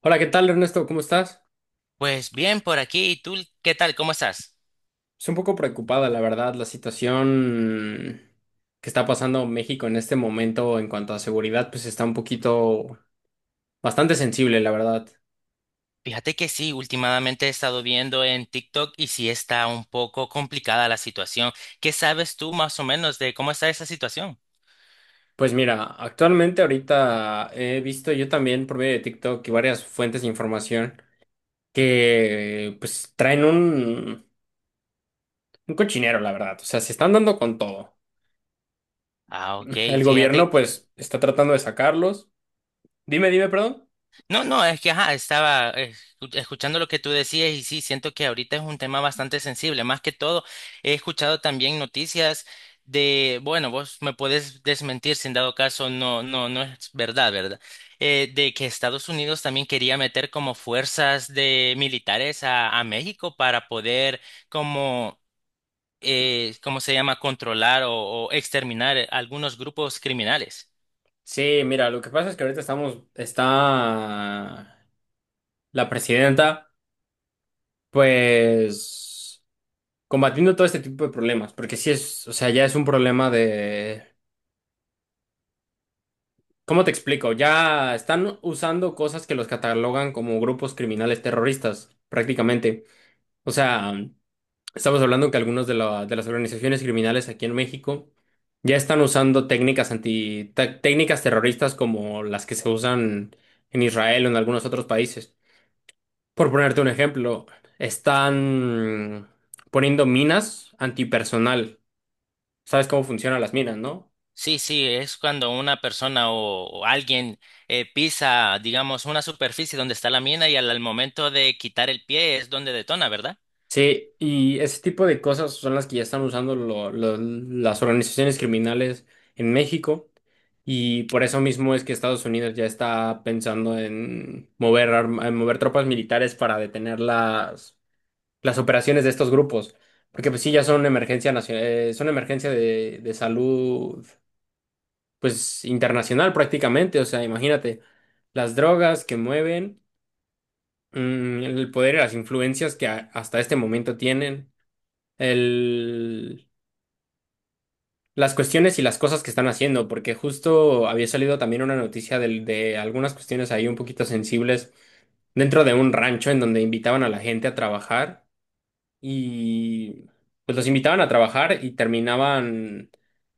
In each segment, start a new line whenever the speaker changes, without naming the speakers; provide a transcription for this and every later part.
Hola, ¿qué tal, Ernesto? ¿Cómo estás?
Pues bien, por aquí. ¿Y tú qué tal? ¿Cómo estás?
Estoy un poco preocupada, la verdad, la situación que está pasando México en este momento en cuanto a seguridad, pues está un poquito bastante sensible, la verdad.
Fíjate que sí, últimamente he estado viendo en TikTok y sí está un poco complicada la situación. ¿Qué sabes tú más o menos de cómo está esa situación?
Pues mira, actualmente ahorita he visto yo también por medio de TikTok y varias fuentes de información que pues traen un cochinero, la verdad. O sea, se están dando con todo.
Ah, ok,
El gobierno
fíjate.
pues está tratando de sacarlos. Dime, perdón.
No, no, es que ajá, estaba escuchando lo que tú decías y sí, siento que ahorita es un tema bastante sensible. Más que todo, he escuchado también noticias de, bueno, vos me puedes desmentir si en dado caso, no, no, no es verdad, ¿verdad? De que Estados Unidos también quería meter como fuerzas de militares a México para poder como, ¿cómo se llama?, controlar o exterminar algunos grupos criminales.
Sí, mira, lo que pasa es que ahorita está la presidenta, pues, combatiendo todo este tipo de problemas, porque sí es, o sea, ya es un problema de, ¿cómo te explico? Ya están usando cosas que los catalogan como grupos criminales terroristas, prácticamente. O sea, estamos hablando que algunas de las organizaciones criminales aquí en México ya están usando técnicas terroristas como las que se usan en Israel o en algunos otros países. Por ponerte un ejemplo, están poniendo minas antipersonal. ¿Sabes cómo funcionan las minas, no?
Sí, sí, es cuando una persona o alguien pisa, digamos, una superficie donde está la mina y al momento de quitar el pie es donde detona, ¿verdad?
Sí, y ese tipo de cosas son las que ya están usando las organizaciones criminales en México. Y por eso mismo es que Estados Unidos ya está pensando en en mover tropas militares para detener las operaciones de estos grupos. Porque pues sí, ya son son emergencia de salud pues internacional prácticamente, o sea, imagínate las drogas que mueven, el poder y las influencias que hasta este momento tienen, el, las cuestiones y las cosas que están haciendo, porque justo había salido también una noticia de algunas cuestiones ahí un poquito sensibles dentro de un rancho en donde invitaban a la gente a trabajar y pues los invitaban a trabajar y terminaban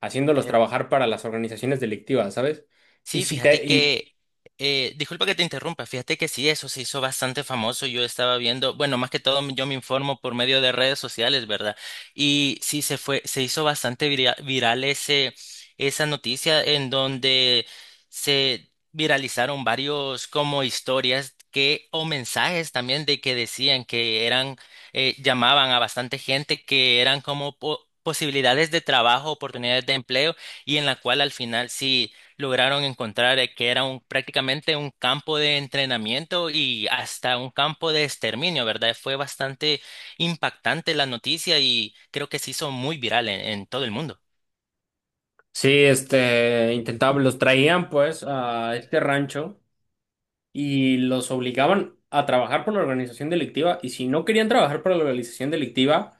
haciéndolos
Eh,
trabajar para las organizaciones delictivas, ¿sabes? Y
Sí,
si
fíjate
te, y,
que, disculpa que te interrumpa, fíjate que sí, eso se hizo bastante famoso. Yo estaba viendo, bueno, más que todo yo me informo por medio de redes sociales, ¿verdad? Y sí, se hizo bastante viral esa noticia en donde se viralizaron varios como historias que, o mensajes también de que decían que eran, llamaban a bastante gente que eran como posibilidades de trabajo, oportunidades de empleo y en la cual al final sí lograron encontrar que era prácticamente un campo de entrenamiento y hasta un campo de exterminio, ¿verdad? Fue bastante impactante la noticia y creo que se hizo muy viral en todo el mundo.
Sí, este, intentaban, los traían pues a este rancho y los obligaban a trabajar por la organización delictiva y si no querían trabajar por la organización delictiva,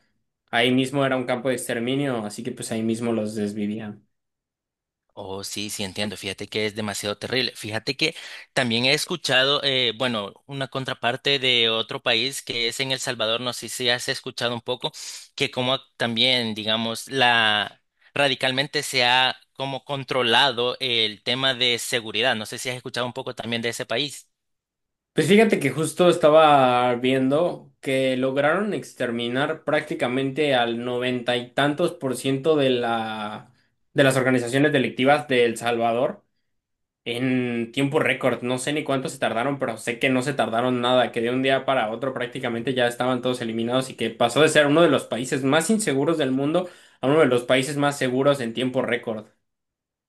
ahí mismo era un campo de exterminio, así que pues ahí mismo los desvivían.
Oh, sí, sí, entiendo. Fíjate que es demasiado terrible. Fíjate que también he escuchado, bueno, una contraparte de otro país que es en El Salvador, no sé si has escuchado un poco, que como también, digamos, la radicalmente se ha como controlado el tema de seguridad. No sé si has escuchado un poco también de ese país.
Pues fíjate que justo estaba viendo que lograron exterminar prácticamente al noventa y tantos por ciento de de las organizaciones delictivas de El Salvador. En tiempo récord, no sé ni cuánto se tardaron, pero sé que no se tardaron nada, que de un día para otro prácticamente ya estaban todos eliminados y que pasó de ser uno de los países más inseguros del mundo a uno de los países más seguros en tiempo récord.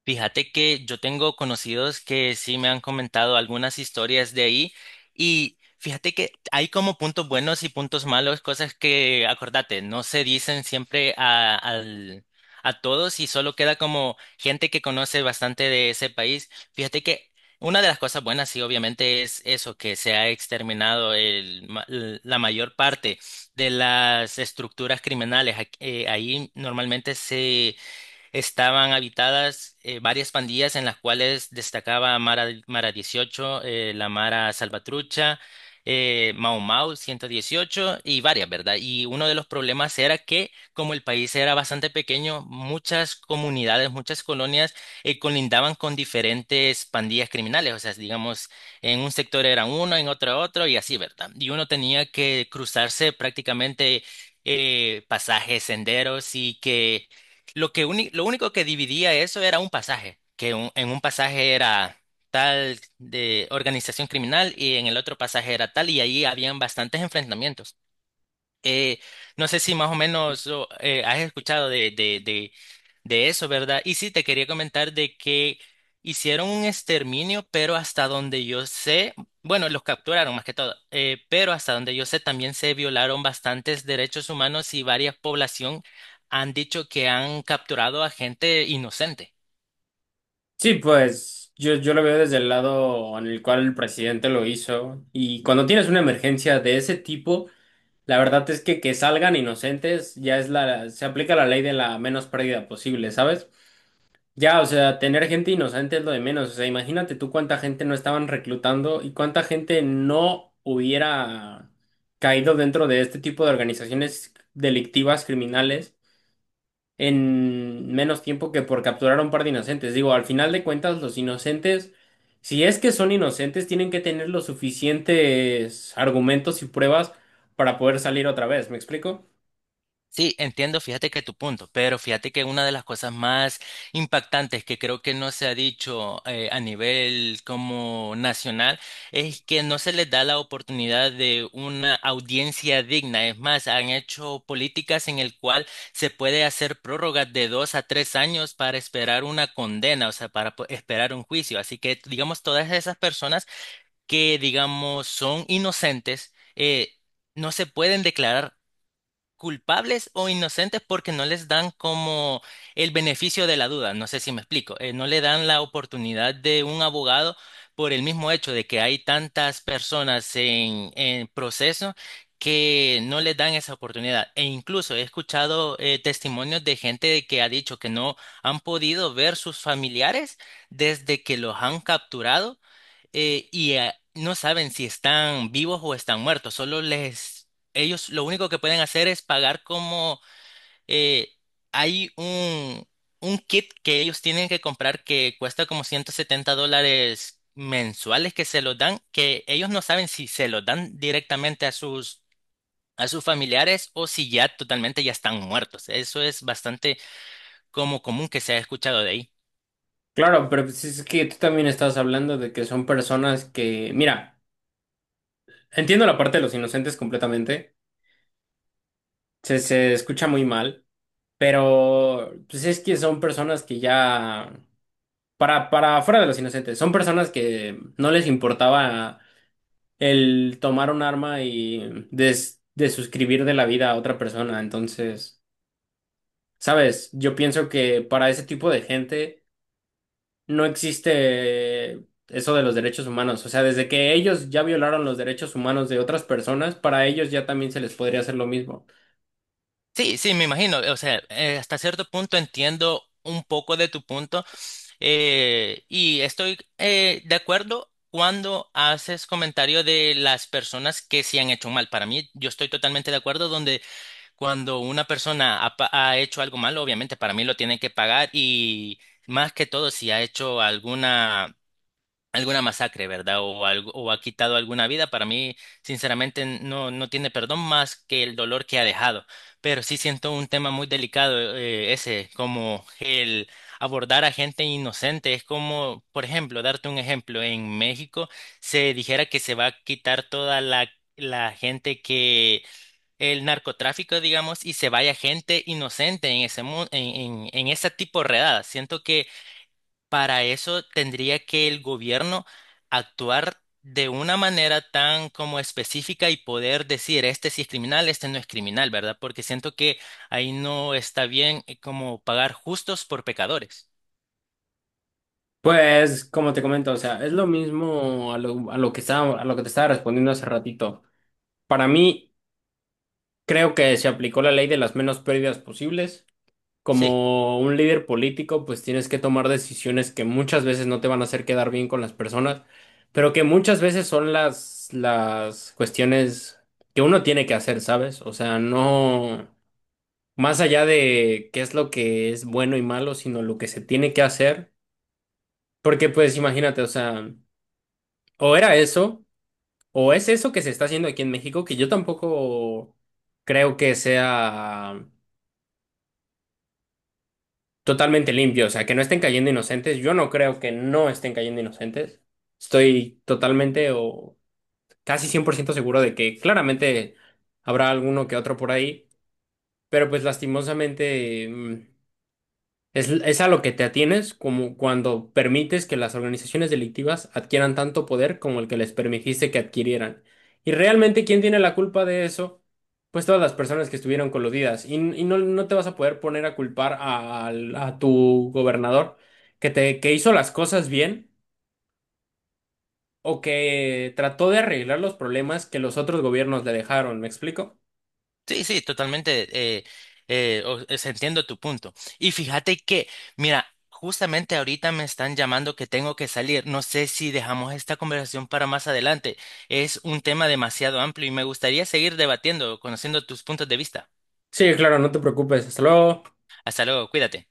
Fíjate que yo tengo conocidos que sí me han comentado algunas historias de ahí y fíjate que hay como puntos buenos y puntos malos, cosas que, acordate, no se dicen siempre a todos y solo queda como gente que conoce bastante de ese país. Fíjate que una de las cosas buenas sí obviamente es eso, que se ha exterminado el la mayor parte de las estructuras criminales. Ahí normalmente se estaban habitadas varias pandillas en las cuales destacaba Mara 18 la Mara Salvatrucha, Mau Mau 118 y varias, ¿verdad? Y uno de los problemas era que como el país era bastante pequeño, muchas comunidades, muchas colonias colindaban con diferentes pandillas criminales, o sea, digamos, en un sector era uno, en otro otro y así, ¿verdad? Y uno tenía que cruzarse prácticamente pasajes, senderos y que lo único que dividía eso era un pasaje, que en un pasaje era tal de organización criminal y en el otro pasaje era tal y ahí habían bastantes enfrentamientos. Eh, no sé si más o menos o, has escuchado de eso, ¿verdad? Y sí, te quería comentar de que hicieron un exterminio, pero hasta donde yo sé, bueno, los capturaron más que todo, pero hasta donde yo sé también se violaron bastantes derechos humanos y varias población han dicho que han capturado a gente inocente.
Sí, pues yo lo veo desde el lado en el cual el presidente lo hizo y cuando tienes una emergencia de ese tipo, la verdad es que salgan inocentes ya es se aplica la ley de la menos pérdida posible, ¿sabes? Ya, o sea, tener gente inocente es lo de menos. O sea, imagínate tú cuánta gente no estaban reclutando y cuánta gente no hubiera caído dentro de este tipo de organizaciones delictivas, criminales, en menos tiempo que por capturar a un par de inocentes. Digo, al final de cuentas, los inocentes, si es que son inocentes, tienen que tener los suficientes argumentos y pruebas para poder salir otra vez. ¿Me explico?
Sí, entiendo, fíjate que tu punto, pero fíjate que una de las cosas más impactantes que creo que no se ha dicho a nivel como nacional es que no se les da la oportunidad de una audiencia digna. Es más, han hecho políticas en el cual se puede hacer prórrogas de 2 a 3 años para esperar una condena, o sea, esperar un juicio. Así que, digamos, todas esas personas que, digamos, son inocentes, no se pueden declarar culpables o inocentes porque no les dan como el beneficio de la duda. No sé si me explico. No le dan la oportunidad de un abogado por el mismo hecho de que hay tantas personas en proceso que no les dan esa oportunidad. E incluso he escuchado testimonios de gente que ha dicho que no han podido ver sus familiares desde que los han capturado no saben si están vivos o están muertos, solo ellos lo único que pueden hacer es pagar como eh, hay un kit que ellos tienen que comprar que cuesta como $170 mensuales que se los dan, que ellos no saben si se los dan directamente a sus familiares o si ya totalmente ya están muertos. Eso es bastante como común que se ha escuchado de ahí.
Claro, pero pues es que tú también estás hablando de que son personas que, mira. Entiendo la parte de los inocentes completamente. Se escucha muy mal, pero pues es que son personas que ya, para fuera de los inocentes, son personas que no les importaba el tomar un arma y desuscribir de la vida a otra persona. Entonces, sabes, yo pienso que para ese tipo de gente no existe eso de los derechos humanos. O sea, desde que ellos ya violaron los derechos humanos de otras personas, para ellos ya también se les podría hacer lo mismo.
Sí, sí, me imagino. O sea, hasta cierto punto entiendo un poco de tu punto y estoy de acuerdo cuando haces comentario de las personas que se han hecho mal. Para mí, yo estoy totalmente de acuerdo donde cuando una persona ha hecho algo malo, obviamente para mí lo tiene que pagar y más que todo si ha hecho alguna alguna masacre, ¿verdad? O algo, o ha quitado alguna vida. Para mí, sinceramente, no, no tiene perdón más que el dolor que ha dejado. Pero sí siento un tema muy delicado, ese, como el abordar a gente inocente. Es como, por ejemplo, darte un ejemplo, en México se dijera que se va a quitar toda la gente que el narcotráfico, digamos, y se vaya gente inocente en en ese tipo de redadas. Siento que para eso tendría que el gobierno actuar de una manera tan como específica y poder decir, este sí es criminal, este no es criminal, ¿verdad? Porque siento que ahí no está bien como pagar justos por pecadores.
Pues, como te comento, o sea, es lo mismo a a lo que estaba, a lo que te estaba respondiendo hace ratito. Para mí, creo que se aplicó la ley de las menos pérdidas posibles.
Sí.
Como un líder político, pues tienes que tomar decisiones que muchas veces no te van a hacer quedar bien con las personas, pero que muchas veces son las cuestiones que uno tiene que hacer, ¿sabes? O sea, no más allá de qué es lo que es bueno y malo, sino lo que se tiene que hacer. Porque, pues, imagínate, o sea. O era eso, o es eso que se está haciendo aquí en México, que yo tampoco creo que sea totalmente limpio, o sea, que no estén cayendo inocentes. Yo no creo que no estén cayendo inocentes. Estoy totalmente o casi 100% seguro de que claramente habrá alguno que otro por ahí, pero pues lastimosamente... mm, es a lo que te atienes como cuando permites que las organizaciones delictivas adquieran tanto poder como el que les permitiste que adquirieran. Y realmente, ¿quién tiene la culpa de eso? Pues todas las personas que estuvieron coludidas. Y no te vas a poder poner a culpar a tu gobernador que hizo las cosas bien o que trató de arreglar los problemas que los otros gobiernos le dejaron. ¿Me explico?
Sí, sí, totalmente. eh, Entiendo tu punto. Y fíjate que, mira, justamente ahorita me están llamando que tengo que salir. No sé si dejamos esta conversación para más adelante. Es un tema demasiado amplio y me gustaría seguir debatiendo, conociendo tus puntos de vista.
Sí, claro, no te preocupes. Hasta luego.
Hasta luego, cuídate.